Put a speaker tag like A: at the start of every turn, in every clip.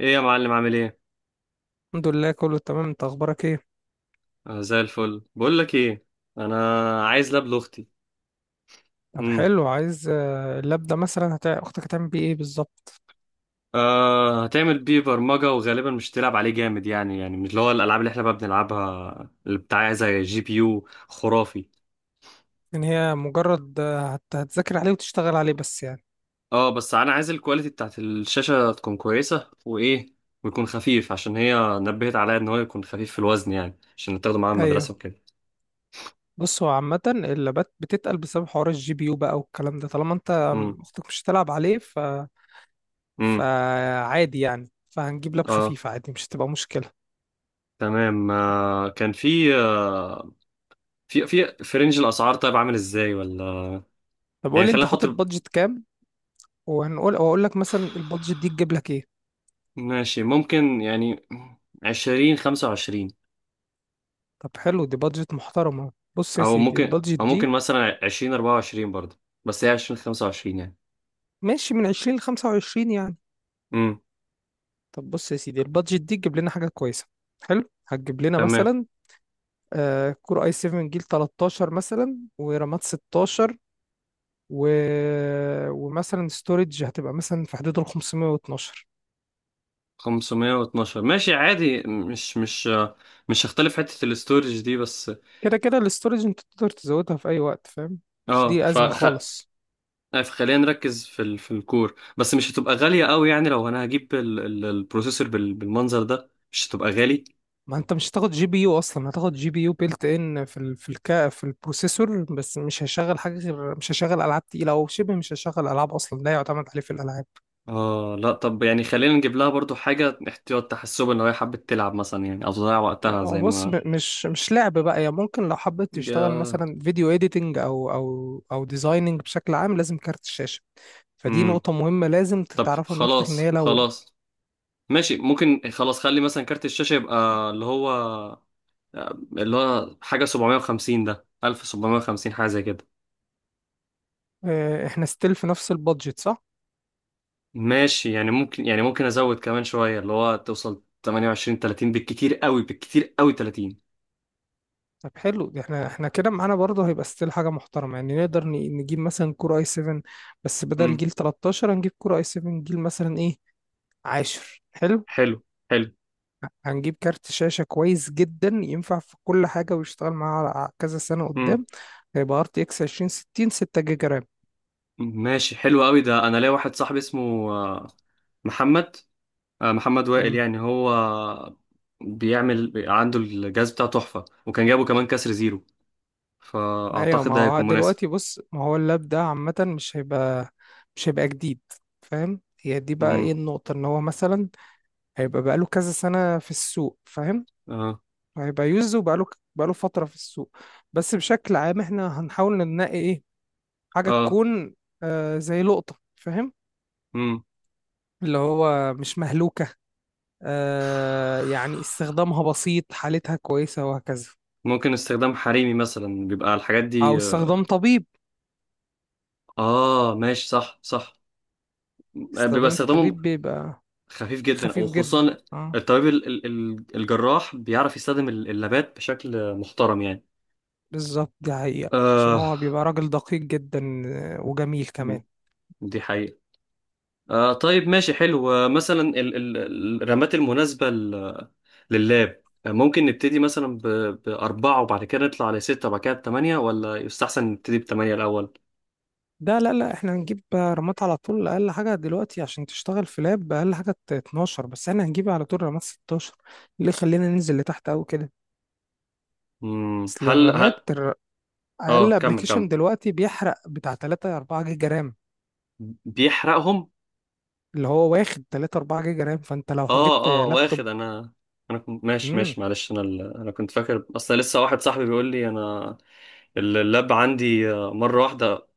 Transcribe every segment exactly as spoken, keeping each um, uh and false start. A: ايه يا معلم عامل ايه؟
B: الحمد لله كله تمام، انت اخبارك ايه؟
A: آه زي الفل. بقول لك ايه. انا عايز لاب لاختي.
B: طب
A: امم.
B: حلو، عايز آه، اللاب ده مثلا هت... اختك هتعمل بيه ايه بالظبط؟
A: آه هتعمل بيه برمجه وغالبا مش تلعب عليه جامد يعني يعني مش اللي هو الالعاب اللي احنا بقى بنلعبها اللي بتاع زي جي بي يو خرافي.
B: ان هي مجرد آه، هت... هتذاكر عليه وتشتغل عليه بس يعني.
A: اه بس انا عايز الكواليتي بتاعت الشاشه تكون كويسه وايه. ويكون خفيف عشان هي نبهت عليا ان هو يكون خفيف في الوزن يعني، عشان تاخده معاها المدرسه
B: ايوه.
A: وكده.
B: بص، هو عامة اللابات بتتقل بسبب حوار الجي بي يو بقى والكلام ده، طالما انت
A: امم.
B: اختك مش هتلعب عليه ف
A: امم.
B: فعادي يعني. فهنجيب لاب
A: اه
B: خفيف عادي، مش هتبقى مشكلة.
A: تمام. آه كان في آه في في في رينج الاسعار، طيب عامل ازاي ولا؟
B: طب قول
A: يعني
B: لي،
A: خلينا
B: انت
A: نحط.
B: حاطط بادجت كام؟ وهنقول واقول لك مثلا البادجت دي تجيب لك ايه.
A: ماشي ممكن يعني، عشرين خمسة وعشرين،
B: طب حلو، دي بادجت محترمة. بص يا
A: أو
B: سيدي،
A: ممكن.
B: البادجت
A: أو ممكن
B: دي
A: مثلا عشرين أربعة وعشرين برضه. بس هي عشرين خمسة وعشرين يعني.
B: ماشي من عشرين ل خمسة وعشرين يعني.
A: امم.
B: طب بص يا سيدي، البادجت دي تجيب لنا حاجة كويسة. حلو، هتجيب لنا
A: تمام.
B: مثلا آه كور اي سفن جيل ثلاثة عشر مثلا، ورامات ستة عشر، و... ومثلا ستورج هتبقى مثلا في حدود ال خمسمية واتناشر.
A: خمسمية واتناشر ماشي عادي. مش مش مش هختلف حتة الاستورج دي بس.
B: كده كده الاستورج انت تقدر تزودها في اي وقت، فاهم؟ مش
A: اه،
B: دي أزمة
A: فخ...
B: خالص.
A: خلينا نركز في ال... في الكور بس، مش هتبقى غالية قوي يعني. لو أنا هجيب ال... ال... البروسيسور بال... بالمنظر ده، مش هتبقى غالي.
B: ما انت مش هتاخد جي بي يو اصلا، هتاخد جي بي يو بيلت ان في ال... في الكا في البروسيسور. بس مش هشغل حاجة، غير مش هشغل العاب تقيلة او شبه، مش هشغل العاب اصلا، لا يعتمد عليه في الالعاب.
A: اه لا، طب يعني خلينا نجيب لها برضو حاجة احتياط، تحسب ان هي حبت تلعب مثلا يعني، او تضيع وقتها
B: هو
A: زي
B: بص،
A: ما...
B: م- مش مش لعب بقى يعني، ممكن لو حبيت تشتغل
A: يا...
B: مثلا فيديو اديتنج او او او ديزايننج، بشكل عام لازم كارت الشاشه. فدي
A: امم.
B: نقطه مهمه لازم
A: طب
B: تتعرفها من اختك ان
A: خلاص
B: هي لو.
A: خلاص. ماشي ممكن خلاص، خلي مثلا كارت الشاشة يبقى اللي هو، اللي هو حاجة سبعمية وخمسين، ده ألف وسبعمية وخمسين، حاجة زي كده.
B: آه، احنا ستيل في نفس البادجت، صح؟
A: ماشي يعني، ممكن يعني ممكن ازود كمان شوية اللي هو توصل تمنية وعشرين تلاتين، بالكتير قوي، بالكتير قوي تلاتين.
B: طب حلو، احنا احنا كده معانا برضه هيبقى ستيل حاجه محترمه يعني. نقدر ن- نجيب مثلا كور اي سفن، بس بدل
A: امم.
B: جيل تلتاشر هنجيب كور اي سفن جيل مثلا ايه، عشرة. حلو.
A: حلو. حلو.
B: هنجيب كارت شاشة كويس جدا، ينفع في كل حاجة، ويشتغل معاها على كذا سنة
A: امم.
B: قدام. هيبقى ار تي اكس عشرين ستين ستة جيجا رام.
A: ماشي حلو قوي ده. انا ليا واحد صاحبي اسمه آه، محمد، آه، محمد وائل.
B: امم.
A: يعني هو بيعمل عنده الجهاز بتاعه تحفة، وكان جابه كمان كسر زيرو،
B: ايوه،
A: فأعتقد
B: ما
A: ده
B: هو
A: هيكون مناسب.
B: دلوقتي بص، ما هو اللاب ده عامة مش هيبقى، مش هيبقى جديد، فاهم؟ هي دي بقى
A: مم.
B: ايه النقطة، ان هو مثلا هيبقى بقاله كذا سنة في السوق، فاهم؟
A: اه.
B: هيبقى يوز، وبقاله بقاله فترة في السوق. بس بشكل عام احنا هنحاول ننقي ايه، حاجة
A: اه.
B: تكون آه زي لقطة، فاهم؟
A: مم.
B: اللي هو مش مهلوكة، آه يعني استخدامها بسيط، حالتها كويسة، وهكذا.
A: ممكن استخدام حريمي مثلا بيبقى الحاجات
B: أو
A: دي.
B: استخدام طبيب.
A: اه ماشي صح صح. آه، بيبقى
B: استخدام
A: استخدامه
B: الطبيب بيبقى
A: خفيف جدا، او
B: خفيف جدا،
A: خصوصا
B: اه.
A: الطبيب ال- ال- ال- الجراح بيعرف يستخدم ال- اللابات بشكل محترم يعني.
B: بالظبط، دي حقيقة، عشان
A: آه
B: هو بيبقى راجل دقيق جدا، آه، وجميل كمان.
A: دي حقيقة. آه طيب ماشي حلو، آه، مثلا ال- ال- الرمات المناسبة لللاب ممكن نبتدي مثلا ب... بأربعة، وبعد كده نطلع لستة، وبعد كده بثمانية، ولا يستحسن نبتدي بثمانية الأول.
B: ده لا لا، احنا هنجيب رامات على طول، اقل حاجة دلوقتي عشان تشتغل في لاب اقل حاجة اتناشر، بس احنا هنجيب على طول رامات ستاشر، اللي خلينا ننزل لتحت قوي كده.
A: مم.
B: اصل
A: هل
B: الرامات
A: هل
B: الر- اقل
A: اه كمل
B: ابلكيشن
A: كمل.
B: دلوقتي بيحرق بتاع تلاتة اربعة جيجا رام.
A: بيحرقهم.
B: اللي هو واخد تلاتة اربعة جيجا رام، فانت لو
A: اه
B: جبت
A: اه،
B: لابتوب.
A: واخد انا... انا كنت ماشي
B: امم.
A: ماشي معلش. انا ال... انا كنت فاكر. اصل لسه واحد صاحبي بيقول لي: انا اللاب عندي آه، مرة واحدة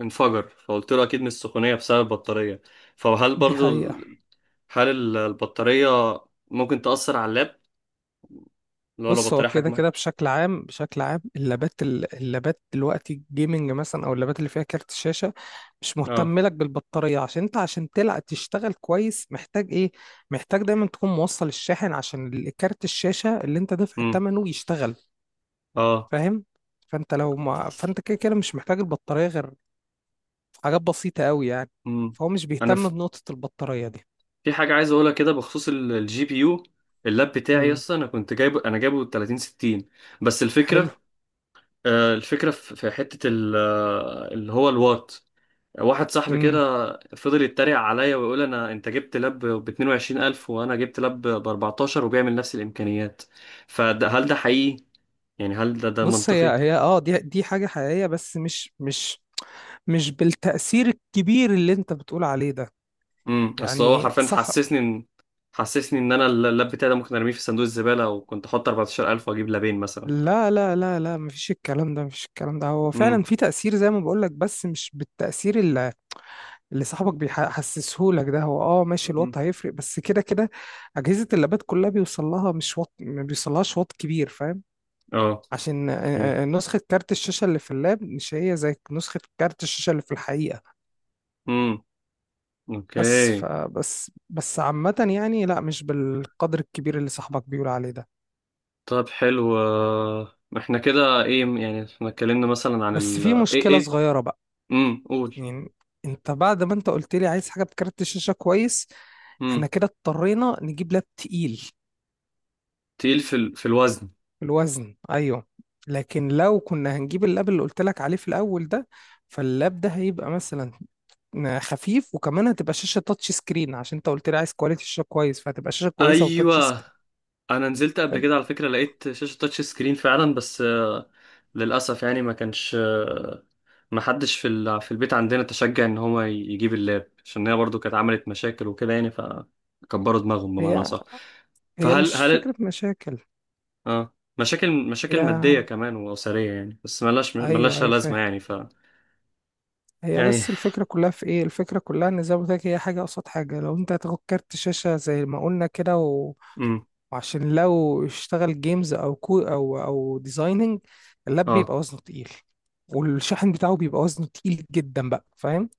A: انفجر. فقلت له اكيد من السخونية بسبب البطارية. فهل
B: دي
A: برضو
B: حقيقة.
A: ال- هل ال- البطارية ممكن تأثر على اللاب؟ لو لو
B: بص، هو
A: بطارية
B: كده كده
A: حجمها...
B: بشكل عام، بشكل عام اللابات ال- اللابات دلوقتي الجيمنج مثلا او اللابات اللي فيها كارت شاشة، مش
A: اه.
B: مهتم لك بالبطارية، عشان انت عشان تلعب تشتغل كويس محتاج ايه، محتاج دايما تكون موصل الشاحن عشان ال- كارت الشاشة اللي انت دافع
A: امم.
B: ثمنه يشتغل،
A: اه.
B: فاهم؟ فانت لو ما، فانت كده كده مش محتاج البطارية غير في حاجات بسيطة قوي يعني.
A: مم.
B: فهو مش
A: انا
B: بيهتم
A: ف-
B: بنقطة البطارية دي.
A: في حاجه عايز اقولها كده بخصوص الجي بي يو. اللاب بتاعي
B: امم.
A: يس انا كنت جايبه، انا جايبه تلاتين ستين بس.
B: حلو.
A: الفكره آه، الفكره في في حته ال- آه، اللي هو الوات. واحد صاحبي
B: امم.
A: كده فضل يتريق عليا ويقول: انا انت جبت لاب ب اتنين وعشرين الف، وانا جبت لاب ب اربعتاشر، وبيعمل نفس الامكانيات. فهل ده حقيقي؟ يعني هل ده ده
B: بص، هي
A: منطقي؟
B: هي اه دي دي حاجة حقيقية، بس مش مش مش بالتأثير الكبير اللي انت بتقول عليه ده.
A: امم. اصل هو
B: يعني
A: حرفيا
B: صح.
A: حسسني ان حسسني ان انا اللاب بتاعي ده ممكن ارميه في صندوق الزباله، وكنت احط اربعتاشر الف واجيب لابين مثلا.
B: لا لا لا لا، مفيش الكلام ده، مفيش الكلام ده، هو فعلا
A: امم.
B: في تأثير زي ما بقولك، بس مش بالتأثير اللي, اللي صاحبك بيحسسه لك ده. هو اه ماشي، الوات
A: امم.
B: هيفرق، بس كده كده أجهزة اللابات كلها بيوصل لها مش وات، ما بيوصلهاش وات كبير، فاهم؟
A: اه.
B: عشان آه،
A: اوكي.
B: آه، نسخة كارت الشاشة اللي في اللاب مش هي زي نسخة كارت الشاشة اللي في الحقيقة.
A: امم. اوكي.
B: بس فبس بس عامة يعني، لا مش بالقدر الكبير اللي صاحبك بيقول عليه ده.
A: طب حلو، آه، احنا كده ايه يعني، احنا اتكلمنا مثلا عن
B: بس
A: ال...
B: في
A: ايه
B: مشكلة
A: ايه.
B: صغيرة بقى،
A: امم قول.
B: يعني انت بعد ما انت قلت لي عايز حاجة بكارت الشاشة كويس، احنا
A: امم.
B: كده اضطرينا نجيب لاب تقيل
A: تقيل في ال... في الوزن،
B: في الوزن، ايوه. لكن لو كنا هنجيب اللاب اللي قلت لك عليه في الاول ده، فاللاب ده هيبقى مثلا خفيف، وكمان هتبقى شاشة تاتش سكرين، عشان انت قلت لي عايز كواليتي الشاشة كويس، فهتبقى شاشة كويسة وتاتش
A: ايوه.
B: سكرين.
A: انا نزلت قبل كده على فكرة لقيت شاشة تاتش سكرين فعلا بس آه، للاسف يعني ما كانش آه، ما حدش في ال... في البيت عندنا تشجع ان هو ي- يجيب اللاب، عشان هي برضو كانت عملت مشاكل وكده يعني، فكبروا دماغهم بمعنى
B: فهي
A: صح.
B: هي
A: فهل
B: مش
A: هل
B: فكرة مشاكل.
A: اه مشاكل،
B: هي.
A: مشاكل مادية كمان وأسرية يعني، بس ملاش
B: ايوه
A: ملاشها
B: ايوه،
A: لازمة
B: فاهم.
A: يعني ف...
B: هي
A: يعني.
B: بس الفكرة كلها في ايه، الفكرة كلها ان زي ما قلت لك، هي حاجة قصاد حاجة. لو انت هتاخد كارت شاشة زي ما قلنا كده و...
A: امم.
B: وعشان لو اشتغل جيمز او كو او او ديزايننج، اللاب
A: اه.
B: بيبقى وزنه تقيل، والشاحن بتاعه بيبقى وزنه تقيل جدا بقى، فاهم؟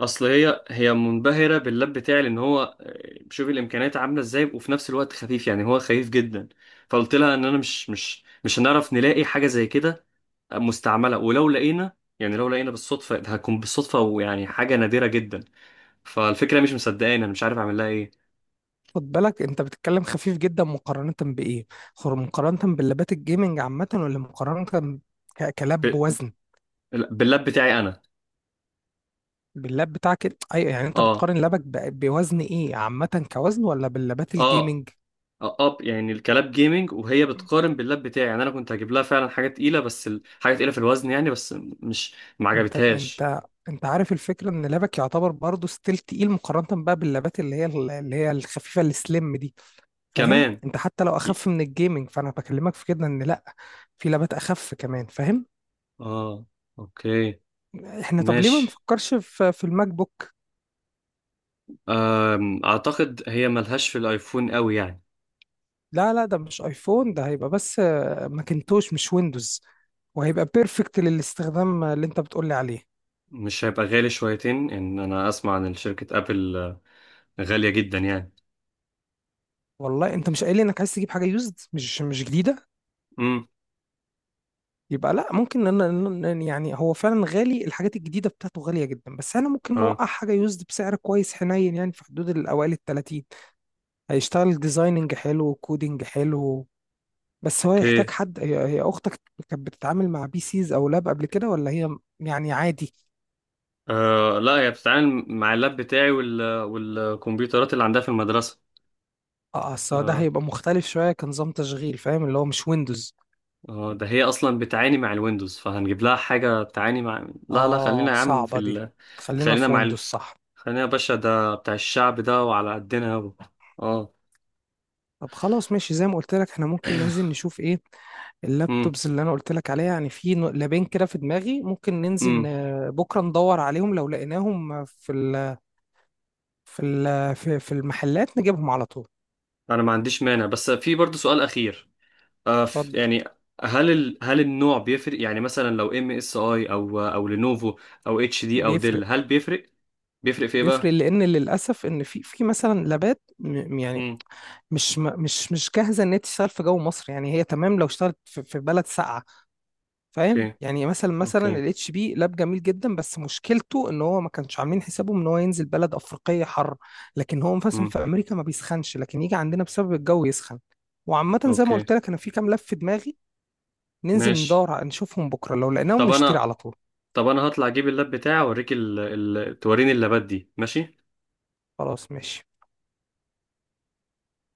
A: اصل هي هي منبهرة باللاب بتاعي لان هو آه، شوف الامكانيات عاملة ازاي، وفي نفس الوقت خفيف يعني، هو خفيف جدا. فقلت لها ان انا مش مش مش هنعرف نلاقي حاجة زي كده آه، مستعملة، ولو لقينا يعني لو لقينا بالصدفة هتكون بالصدفة، ويعني حاجة نادرة جدا. فالفكرة مش مصدقاني، انا مش عارف اعمل لها ايه.
B: خد بالك، انت بتتكلم خفيف جدا مقارنة بايه؟ خر- مقارنة باللابات الجيمنج عامة ولا مقارنة ك- كلاب
A: ب-
B: بوزن؟
A: باللاب بتاعي انا.
B: باللاب بتاعك، ايوه، يعني انت
A: اه.
B: بتقارن لابك ب- بوزن ايه عامة كوزن، ولا باللابات
A: اه.
B: الجيمنج؟
A: اب يعني الكلاب جيمنج وهي بتقارن باللاب بتاعي يعني، انا كنت هجيب لها فعلا حاجه تقيله بس ال... حاجه تقيله في الوزن يعني بس. مش ما
B: انت
A: عجبتهاش.
B: انت انت عارف الفكره، ان لبك يعتبر برضه ستيل تقيل مقارنه بقى باللبات اللي هي اللي هي الخفيفه السليم دي، فاهم؟
A: كمان.
B: انت حتى لو
A: ي-
B: اخف من الجيمنج فانا بكلمك في كده ان لا، في لبات اخف كمان، فاهم؟
A: اه. اوكي.
B: احنا طب ليه ما
A: ماشي.
B: نفكرش في في الماك بوك؟
A: أم... اعتقد هي ملهاش في الايفون قوي يعني.
B: لا لا، ده مش ايفون، ده هيبقى بس آه، ماكنتوش مش ويندوز، وهيبقى بيرفكت للاستخدام اللي انت بتقولي عليه.
A: مش هيبقى غالي شويتين؟ ان انا اسمع عن شركه ابل آه، غاليه جدا يعني.
B: والله انت مش قايل لي انك عايز تجيب حاجه يوزد، مش مش جديده؟
A: امم.
B: يبقى لا، ممكن. إن أنا إن- يعني هو فعلا غالي، الحاجات الجديدة بتاعته غالية جدا، بس أنا ممكن
A: اه.
B: نوقع حاجة يوزد بسعر كويس حنين، يعني في حدود الأوائل التلاتين. هيشتغل ديزايننج حلو، كودينج حلو. بس هو يحتاج
A: اوكي.
B: حد، هي هي أختك كانت بتتعامل مع بي سيز أو لاب قبل كده، ولا هي م- يعني عادي؟
A: آه لا، هي بتتعامل مع اللاب بتاعي وال... والكمبيوترات اللي عندها في المدرسه.
B: اه آه، أصل ده
A: آه،
B: هيبقى مختلف شوية كنظام تشغيل، فاهم؟ اللي هو مش ويندوز.
A: اه ده هي اصلا بتعاني مع الويندوز، فهنجيب لها حاجه بتعاني مع... لا لا،
B: اه،
A: خلينا يا عم في
B: صعبة دي.
A: ال...
B: خلينا
A: خلينا
B: في
A: مع
B: ويندوز،
A: ال...
B: صح؟
A: خلينا يا باشا ده بتاع الشعب ده وعلى قدنا و... اه.
B: طب خلاص، ماشي، زي ما قلت لك احنا ممكن ننزل نشوف ايه
A: امم.
B: اللابتوبز اللي انا قلت لك عليها يعني. في نو- لابين كده في دماغي، ممكن ننزل
A: امم.
B: ن- بكره ندور عليهم، لو لقيناهم في ال في ال في في المحلات نجيبهم على طول.
A: انا ما عنديش مانع، بس في برضو سؤال اخير. آه ف...
B: اتفضل.
A: يعني هل ال... هل النوع بيفرق؟ يعني مثلا لو ام اس اي او او لينوفو او اتش دي او ديل،
B: بيفرق.
A: هل بيفرق؟ بيفرق في ايه بقى؟
B: بيفرق لان للاسف، ان في في مثلا لابات م- يعني
A: امم.
B: مش م- مش مش جاهزه ان هي تشتغل في جو مصر يعني، هي تمام لو اشتغلت في في بلد ساقعه، فاهم
A: اوكي.
B: يعني؟ مثلا مثلا
A: اوكي.
B: الاتش بي لاب جميل جدا، بس مشكلته ان هو ما كانش عاملين حسابه ان هو ينزل بلد افريقيه حر. لكن هو مثلا
A: امم.
B: في امريكا ما بيسخنش، لكن يجي عندنا بسبب الجو يسخن. وعامه زي ما
A: اوكي.
B: قلت لك، انا في كام لاب في دماغي، ننزل
A: ماشي.
B: ندور ع- نشوفهم بكره، لو لقيناهم
A: طب
B: نشتري
A: انا
B: على طول.
A: طب انا هطلع اجيب اللاب بتاعي اوريك ال... ال... توريني اللابات دي، ماشي.
B: خلاص ماشي.